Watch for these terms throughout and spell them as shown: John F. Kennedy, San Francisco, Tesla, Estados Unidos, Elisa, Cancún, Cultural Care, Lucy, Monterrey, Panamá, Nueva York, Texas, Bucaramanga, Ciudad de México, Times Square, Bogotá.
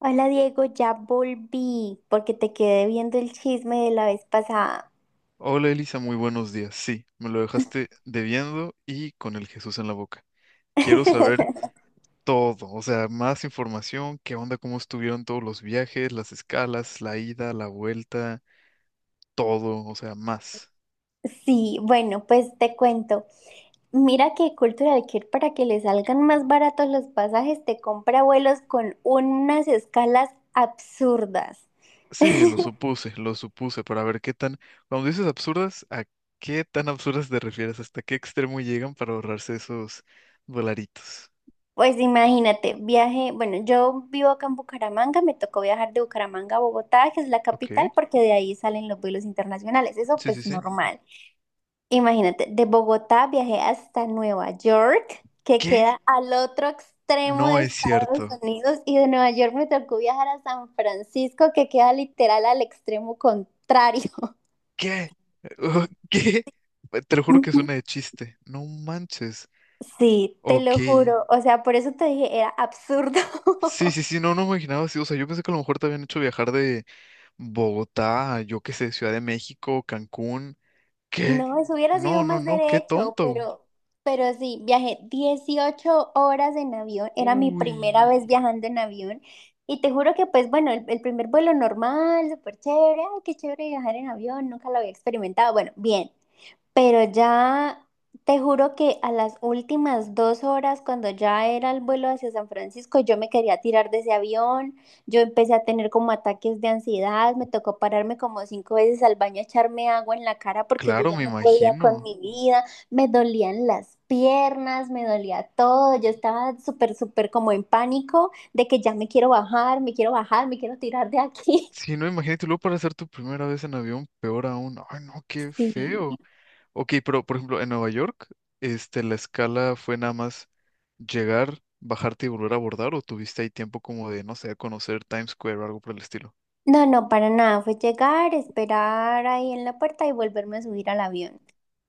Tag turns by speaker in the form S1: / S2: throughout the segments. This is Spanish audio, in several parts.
S1: Hola Diego, ya volví porque te quedé viendo el chisme de la vez pasada.
S2: Hola Elisa, muy buenos días. Sí, me lo dejaste debiendo y con el Jesús en la boca. Quiero saber todo, o sea, más información, qué onda, cómo estuvieron todos los viajes, las escalas, la ida, la vuelta, todo, o sea, más.
S1: Sí, bueno, pues te cuento. Mira que Cultural Care para que le salgan más baratos los pasajes te compra vuelos con unas escalas absurdas.
S2: Sí, lo supuse, para ver qué tan, cuando dices absurdas, ¿a qué tan absurdas te refieres? ¿Hasta qué extremo llegan para ahorrarse esos dolaritos?
S1: Pues imagínate, viaje, bueno, yo vivo acá en Bucaramanga, me tocó viajar de Bucaramanga a Bogotá, que es la capital,
S2: Ok,
S1: porque de ahí salen los vuelos internacionales, eso
S2: sí, sí,
S1: pues
S2: sí.
S1: normal. Imagínate, de Bogotá viajé hasta Nueva York, que
S2: ¿Qué?
S1: queda al otro extremo de
S2: No es
S1: Estados
S2: cierto.
S1: Unidos, y de Nueva York me tocó viajar a San Francisco, que queda literal al extremo contrario.
S2: ¿Qué? ¿Qué? Te lo juro que suena de chiste. No manches.
S1: Sí, te
S2: Ok.
S1: lo juro. O sea, por eso te dije, era absurdo.
S2: Sí, sí, sí, no, no me imaginaba así. O sea, yo pensé que a lo mejor te habían hecho viajar de Bogotá, a, yo qué sé, Ciudad de México, Cancún. ¿Qué?
S1: No, eso hubiera sido
S2: No, no,
S1: más
S2: no, qué
S1: derecho,
S2: tonto.
S1: pero sí, viajé 18 horas en avión, era mi primera vez
S2: Uy.
S1: viajando en avión y te juro que pues bueno, el primer vuelo normal, súper chévere, ay, qué chévere viajar en avión, nunca lo había experimentado, bueno, bien, pero ya te juro que a las últimas 2 horas, cuando ya era el vuelo hacia San Francisco, yo me quería tirar de ese avión, yo empecé a tener como ataques de ansiedad, me tocó pararme como 5 veces al baño a echarme agua en la cara porque yo
S2: Claro,
S1: ya
S2: me
S1: no podía con
S2: imagino.
S1: mi vida, me dolían las piernas, me dolía todo, yo estaba súper, súper como en pánico de que ya me quiero bajar, me quiero bajar, me quiero tirar de aquí.
S2: Sí, no, imagínate, y luego para hacer tu primera vez en avión, peor aún. Ay, no, qué
S1: Sí.
S2: feo. Ok, pero por ejemplo, en Nueva York, este, la escala fue nada más llegar, bajarte y volver a abordar, o tuviste ahí tiempo como de, no sé, conocer Times Square o algo por el estilo.
S1: No, no, para nada. Fue llegar, esperar ahí en la puerta y volverme a subir al avión.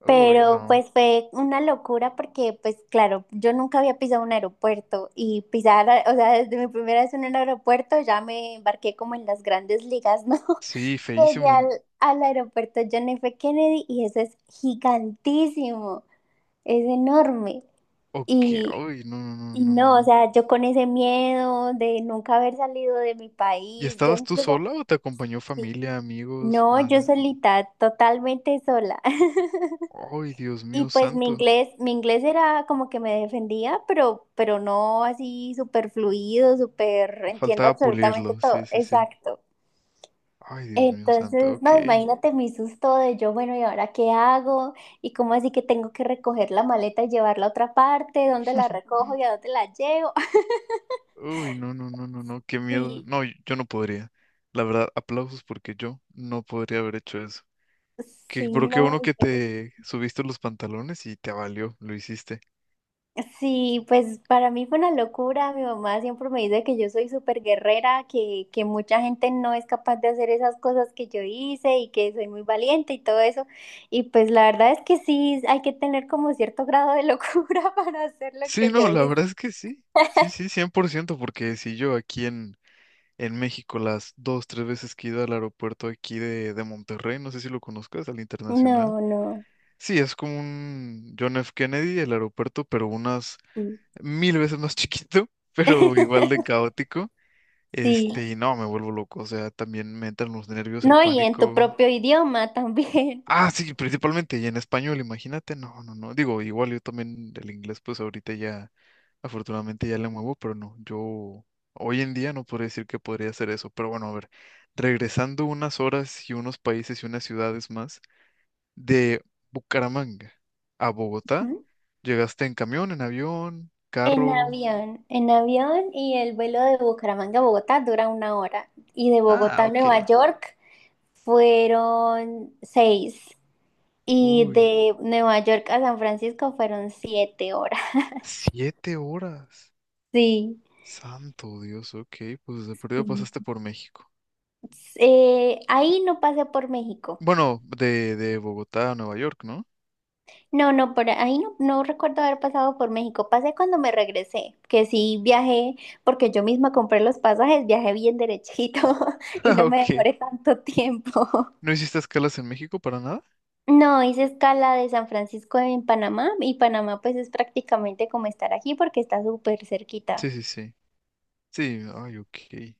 S2: Uy,
S1: Pero
S2: no.
S1: pues fue una locura porque pues claro, yo nunca había pisado un aeropuerto y pisar, o sea, desde mi primera vez en un aeropuerto ya me embarqué como en las grandes ligas, ¿no?
S2: Sí,
S1: Llegué
S2: feísimo.
S1: al aeropuerto John F. Kennedy y eso es gigantísimo, es enorme.
S2: Ok,
S1: Y,
S2: uy, no, no,
S1: y
S2: no, no,
S1: no, o
S2: no.
S1: sea, yo con ese miedo de nunca haber salido de mi
S2: ¿Y
S1: país, yo
S2: estabas tú sola
S1: incluso...
S2: o te acompañó
S1: Sí,
S2: familia, amigos?
S1: no, yo
S2: Nada.
S1: solita, totalmente sola.
S2: Ay, Dios
S1: Y
S2: mío
S1: pues
S2: santo.
S1: mi inglés era como que me defendía, pero no así súper fluido, súper entiendo
S2: Faltaba
S1: absolutamente
S2: pulirlo, sí,
S1: todo.
S2: sí, sí.
S1: Exacto.
S2: Ay, Dios mío santo,
S1: Entonces,
S2: ok.
S1: no, imagínate mi susto de yo, bueno, ¿y ahora qué hago? ¿Y cómo así que tengo que recoger la maleta y llevarla a otra parte? ¿Dónde la recojo y a dónde la llevo?
S2: Uy, no, no, no, no, no, qué miedo.
S1: Sí,
S2: No, yo no podría. La verdad, aplausos porque yo no podría haber hecho eso. Pero
S1: sí,
S2: qué bueno
S1: no.
S2: que te subiste los pantalones y te valió, lo hiciste.
S1: Sí, pues para mí fue una locura. Mi mamá siempre me dice que yo soy súper guerrera, que mucha gente no es capaz de hacer esas cosas que yo hice y que soy muy valiente y todo eso. Y pues la verdad es que sí, hay que tener como cierto grado de locura para hacer lo
S2: Sí,
S1: que yo
S2: no, la verdad
S1: hice.
S2: es que sí. Sí, sí, 100% porque si yo aquí en, México las dos, tres veces que he ido al aeropuerto aquí de Monterrey, no sé si lo conozcas, al internacional.
S1: No, no.
S2: Sí, es como un John F. Kennedy, el aeropuerto, pero unas
S1: Sí.
S2: mil veces más chiquito, pero igual de caótico.
S1: Sí.
S2: Este, y no, me vuelvo loco. O sea, también me entran los nervios, el
S1: No, y en tu
S2: pánico.
S1: propio idioma también.
S2: Ah, sí, principalmente, y en español, imagínate, no, no, no. Digo, igual yo también el inglés, pues ahorita ya, afortunadamente ya le muevo, pero no, yo hoy en día no podría decir que podría hacer eso. Pero bueno, a ver, regresando unas horas y unos países y unas ciudades más, de Bucaramanga a Bogotá,
S1: ¿Mm?
S2: llegaste en camión, en avión, carro.
S1: En avión y el vuelo de Bucaramanga a Bogotá dura una hora y de
S2: Ah,
S1: Bogotá a
S2: ok.
S1: Nueva York. Fueron seis. Y
S2: Uy,
S1: de Nueva York a San Francisco fueron 7 horas.
S2: 7 horas.
S1: Sí,
S2: Santo Dios, ok, pues de perdido
S1: sí.
S2: pasaste por México.
S1: Ahí no pasé por México.
S2: Bueno, de, Bogotá a Nueva York, ¿no?
S1: No, no, por ahí no, no recuerdo haber pasado por México. Pasé cuando me regresé, que sí viajé, porque yo misma compré los pasajes, viajé bien derechito y
S2: Ah,
S1: no me
S2: ok.
S1: demoré tanto tiempo.
S2: ¿No hiciste escalas en México para nada?
S1: No, hice escala de San Francisco en Panamá y Panamá pues es prácticamente como estar aquí porque está súper cerquita.
S2: Sí, sí, sí. Sí, ay, ok.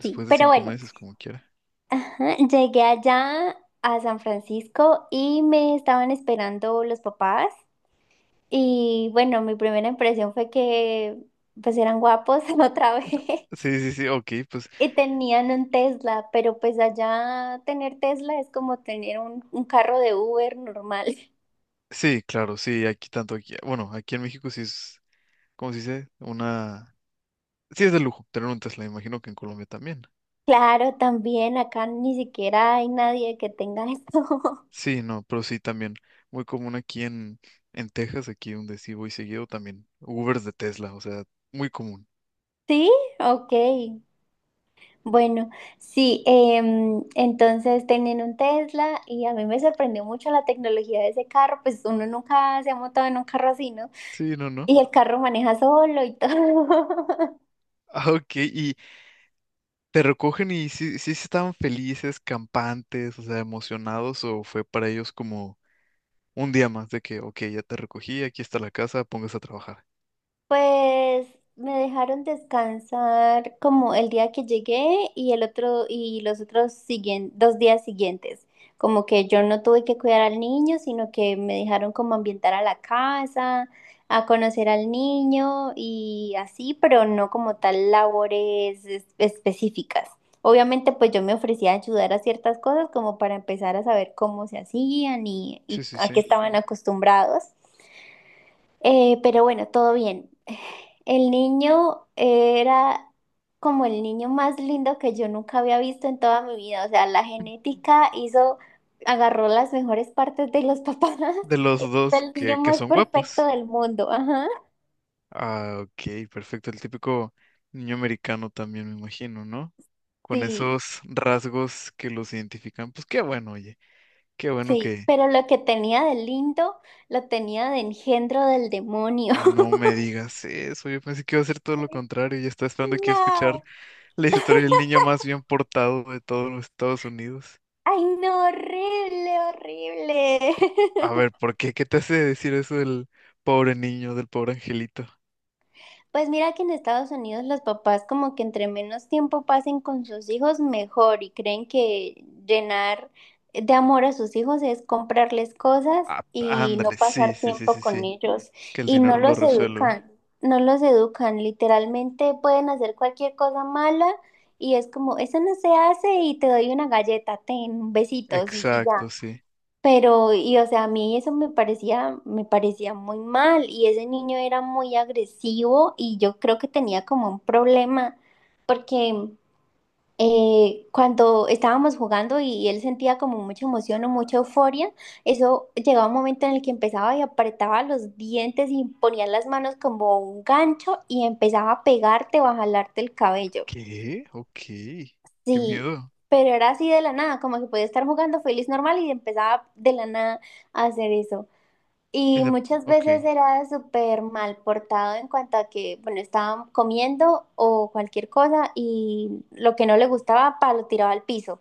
S1: Sí,
S2: de
S1: pero
S2: cinco
S1: bueno,
S2: meses, como quiera.
S1: ajá, llegué allá a San Francisco y me estaban esperando los papás. Y bueno, mi primera impresión fue que pues eran guapos otra
S2: No.
S1: vez
S2: Sí, sí, sí, ok, pues
S1: y tenían un Tesla, pero pues allá tener Tesla es como tener un carro de Uber normal.
S2: sí, claro, sí, aquí tanto aquí. Bueno, aquí en México sí es, ¿cómo se dice? Una... Sí es de lujo tener un Tesla, imagino que en Colombia también.
S1: Claro, también acá ni siquiera hay nadie que tenga esto.
S2: Sí, no, pero sí también. Muy común aquí en Texas, aquí donde sí voy seguido también. Ubers de Tesla, o sea, muy común.
S1: Sí, ok. Bueno, sí, entonces tenían un Tesla y a mí me sorprendió mucho la tecnología de ese carro, pues uno nunca se ha montado en un carro así, ¿no?
S2: Sí, no, no.
S1: Y el carro maneja solo y todo.
S2: Ah, ok, y te recogen y sí, sí estaban felices, campantes, o sea, emocionados, o fue para ellos como un día más de que, ok, ya te recogí, aquí está la casa, póngase a trabajar.
S1: Pues me dejaron descansar como el día que llegué y el otro y los otros siguen, 2 días siguientes. Como que yo no tuve que cuidar al niño, sino que me dejaron como ambientar a la casa, a conocer al niño y así, pero no como tal labores específicas. Obviamente, pues yo me ofrecía a ayudar a ciertas cosas como para empezar a saber cómo se hacían y
S2: Sí, sí,
S1: a qué
S2: sí.
S1: estaban acostumbrados. Pero bueno, todo bien. El niño era como el niño más lindo que yo nunca había visto en toda mi vida. O sea, la genética hizo, agarró las mejores partes de los papás.
S2: De los
S1: Es
S2: dos
S1: el niño
S2: que
S1: más
S2: son
S1: perfecto
S2: guapos.
S1: del mundo. Ajá.
S2: Ah, ok, perfecto. El típico niño americano también, me imagino, ¿no? Con
S1: Sí,
S2: esos rasgos que los identifican. Pues qué bueno, oye, qué bueno
S1: sí.
S2: que
S1: Pero lo que tenía de lindo, lo tenía de engendro del demonio.
S2: no me digas eso. Yo pensé que iba a ser todo lo contrario y estaba esperando aquí a
S1: No.
S2: escuchar la historia del niño más bien portado de todos los Estados Unidos.
S1: Ay, no, horrible,
S2: A
S1: horrible.
S2: ver, ¿por qué? ¿Qué te hace decir eso del pobre niño, del pobre angelito?
S1: Pues mira que en Estados Unidos los papás como que entre menos tiempo pasen con sus hijos mejor y creen que llenar de amor a sus hijos es comprarles cosas
S2: Ah,
S1: y no
S2: ándale, sí,
S1: pasar
S2: sí, sí,
S1: tiempo
S2: sí,
S1: con
S2: sí.
S1: ellos
S2: Que el
S1: y no
S2: dinero lo
S1: los
S2: resuelve.
S1: educan, no los educan, literalmente pueden hacer cualquier cosa mala y es como, eso no se hace y te doy una galleta, ten besitos y ya.
S2: Exacto, sí.
S1: Pero, y o sea, a mí eso me parecía muy mal y ese niño era muy agresivo y yo creo que tenía como un problema porque cuando estábamos jugando y él sentía como mucha emoción o mucha euforia, eso llegaba un momento en el que empezaba y apretaba los dientes y ponía las manos como un gancho y empezaba a pegarte o a jalarte el cabello.
S2: ¿Qué? Ok. Qué
S1: Sí,
S2: miedo.
S1: pero era así de la nada, como que podía estar jugando feliz normal y empezaba de la nada a hacer eso.
S2: En
S1: Y
S2: la-
S1: muchas
S2: Ok.
S1: veces era súper mal portado en cuanto a que, bueno, estaban comiendo o cualquier cosa y lo que no le gustaba, pa, lo tiraba al piso.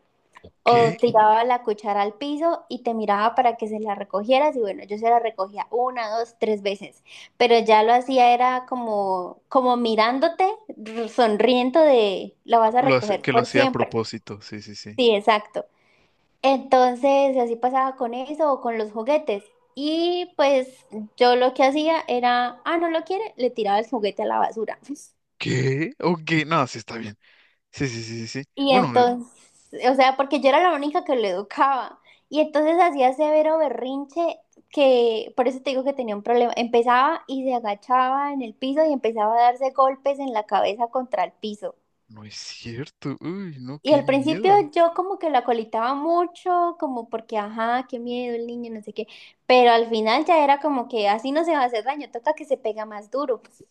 S1: O
S2: ¿Qué?
S1: tiraba la cuchara al piso y te miraba para que se la recogieras y bueno, yo se la recogía una, dos, tres veces. Pero ya lo hacía era como, como mirándote, sonriendo de, la vas a recoger
S2: Que lo
S1: por
S2: hacía a
S1: siempre.
S2: propósito. Sí, sí, sí.
S1: Sí, exacto. Entonces, así pasaba con eso o con los juguetes. Y pues yo lo que hacía era, ah, no lo quiere, le tiraba el juguete a la basura.
S2: ¿Qué? Ok. No, sí está bien. Sí, sí, sí, sí, sí.
S1: Y
S2: Bueno,
S1: entonces, o sea, porque yo era la única que lo educaba. Y entonces hacía severo berrinche que, por eso te digo que tenía un problema. Empezaba y se agachaba en el piso y empezaba a darse golpes en la cabeza contra el piso.
S2: no es cierto. Uy, no,
S1: Y
S2: qué
S1: al principio
S2: miedo.
S1: yo como que la colitaba mucho, como porque, ajá, qué miedo el niño, no sé qué, pero al final ya era como que así no se va a hacer daño, toca que se pega más duro. Pues.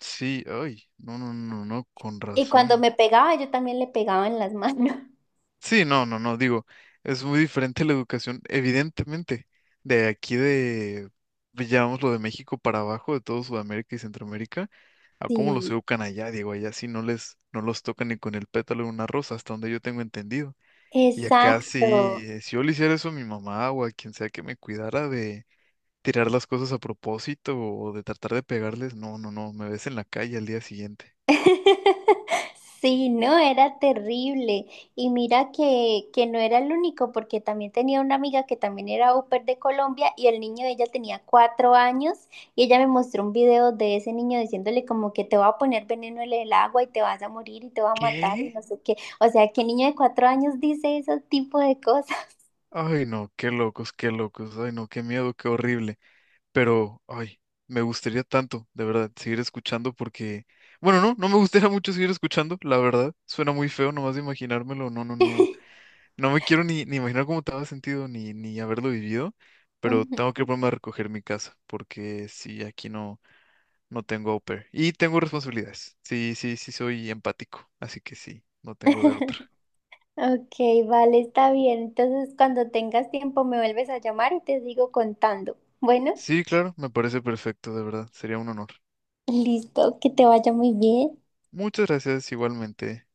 S2: Sí, ay. No, no, no, no, con
S1: Y cuando
S2: razón.
S1: me pegaba, yo también le pegaba en las manos.
S2: Sí, no, no, no, digo, es muy diferente la educación, evidentemente, de aquí de, llamémoslo de México para abajo, de todo Sudamérica y Centroamérica, a cómo los
S1: Sí,
S2: educan allá, digo, allá sí no los tocan ni con el pétalo de una rosa, hasta donde yo tengo entendido. Y acá sí,
S1: exacto.
S2: si yo le hiciera eso a mi mamá o a quien sea que me cuidara de tirar las cosas a propósito o de tratar de pegarles, no, no, no, me ves en la calle al día siguiente.
S1: Sí, no, era terrible. Y mira que no era el único, porque también tenía una amiga que también era au pair de Colombia y el niño de ella tenía 4 años y ella me mostró un video de ese niño diciéndole como que te va a poner veneno en el agua y te vas a morir y te va a matar y
S2: ¿Qué?
S1: no sé qué. O sea, ¿qué niño de 4 años dice ese tipo de cosas?
S2: Ay, no, qué locos, ay, no, qué miedo, qué horrible. Pero, ay, me gustaría tanto, de verdad, seguir escuchando porque, bueno, no, no me gustaría mucho seguir escuchando, la verdad, suena muy feo nomás de imaginármelo, no, no, no, no me quiero ni imaginar cómo te había sentido ni haberlo vivido, pero tengo que
S1: Ujú.
S2: ponerme a recoger mi casa porque sí, aquí no, no tengo au pair y tengo responsabilidades, sí, sí, sí soy empático, así que sí, no tengo de otra.
S1: Ok, vale, está bien. Entonces, cuando tengas tiempo me vuelves a llamar y te sigo contando. Bueno.
S2: Sí, claro, me parece perfecto, de verdad, sería un honor.
S1: Listo, que te vaya muy bien.
S2: Muchas gracias igualmente.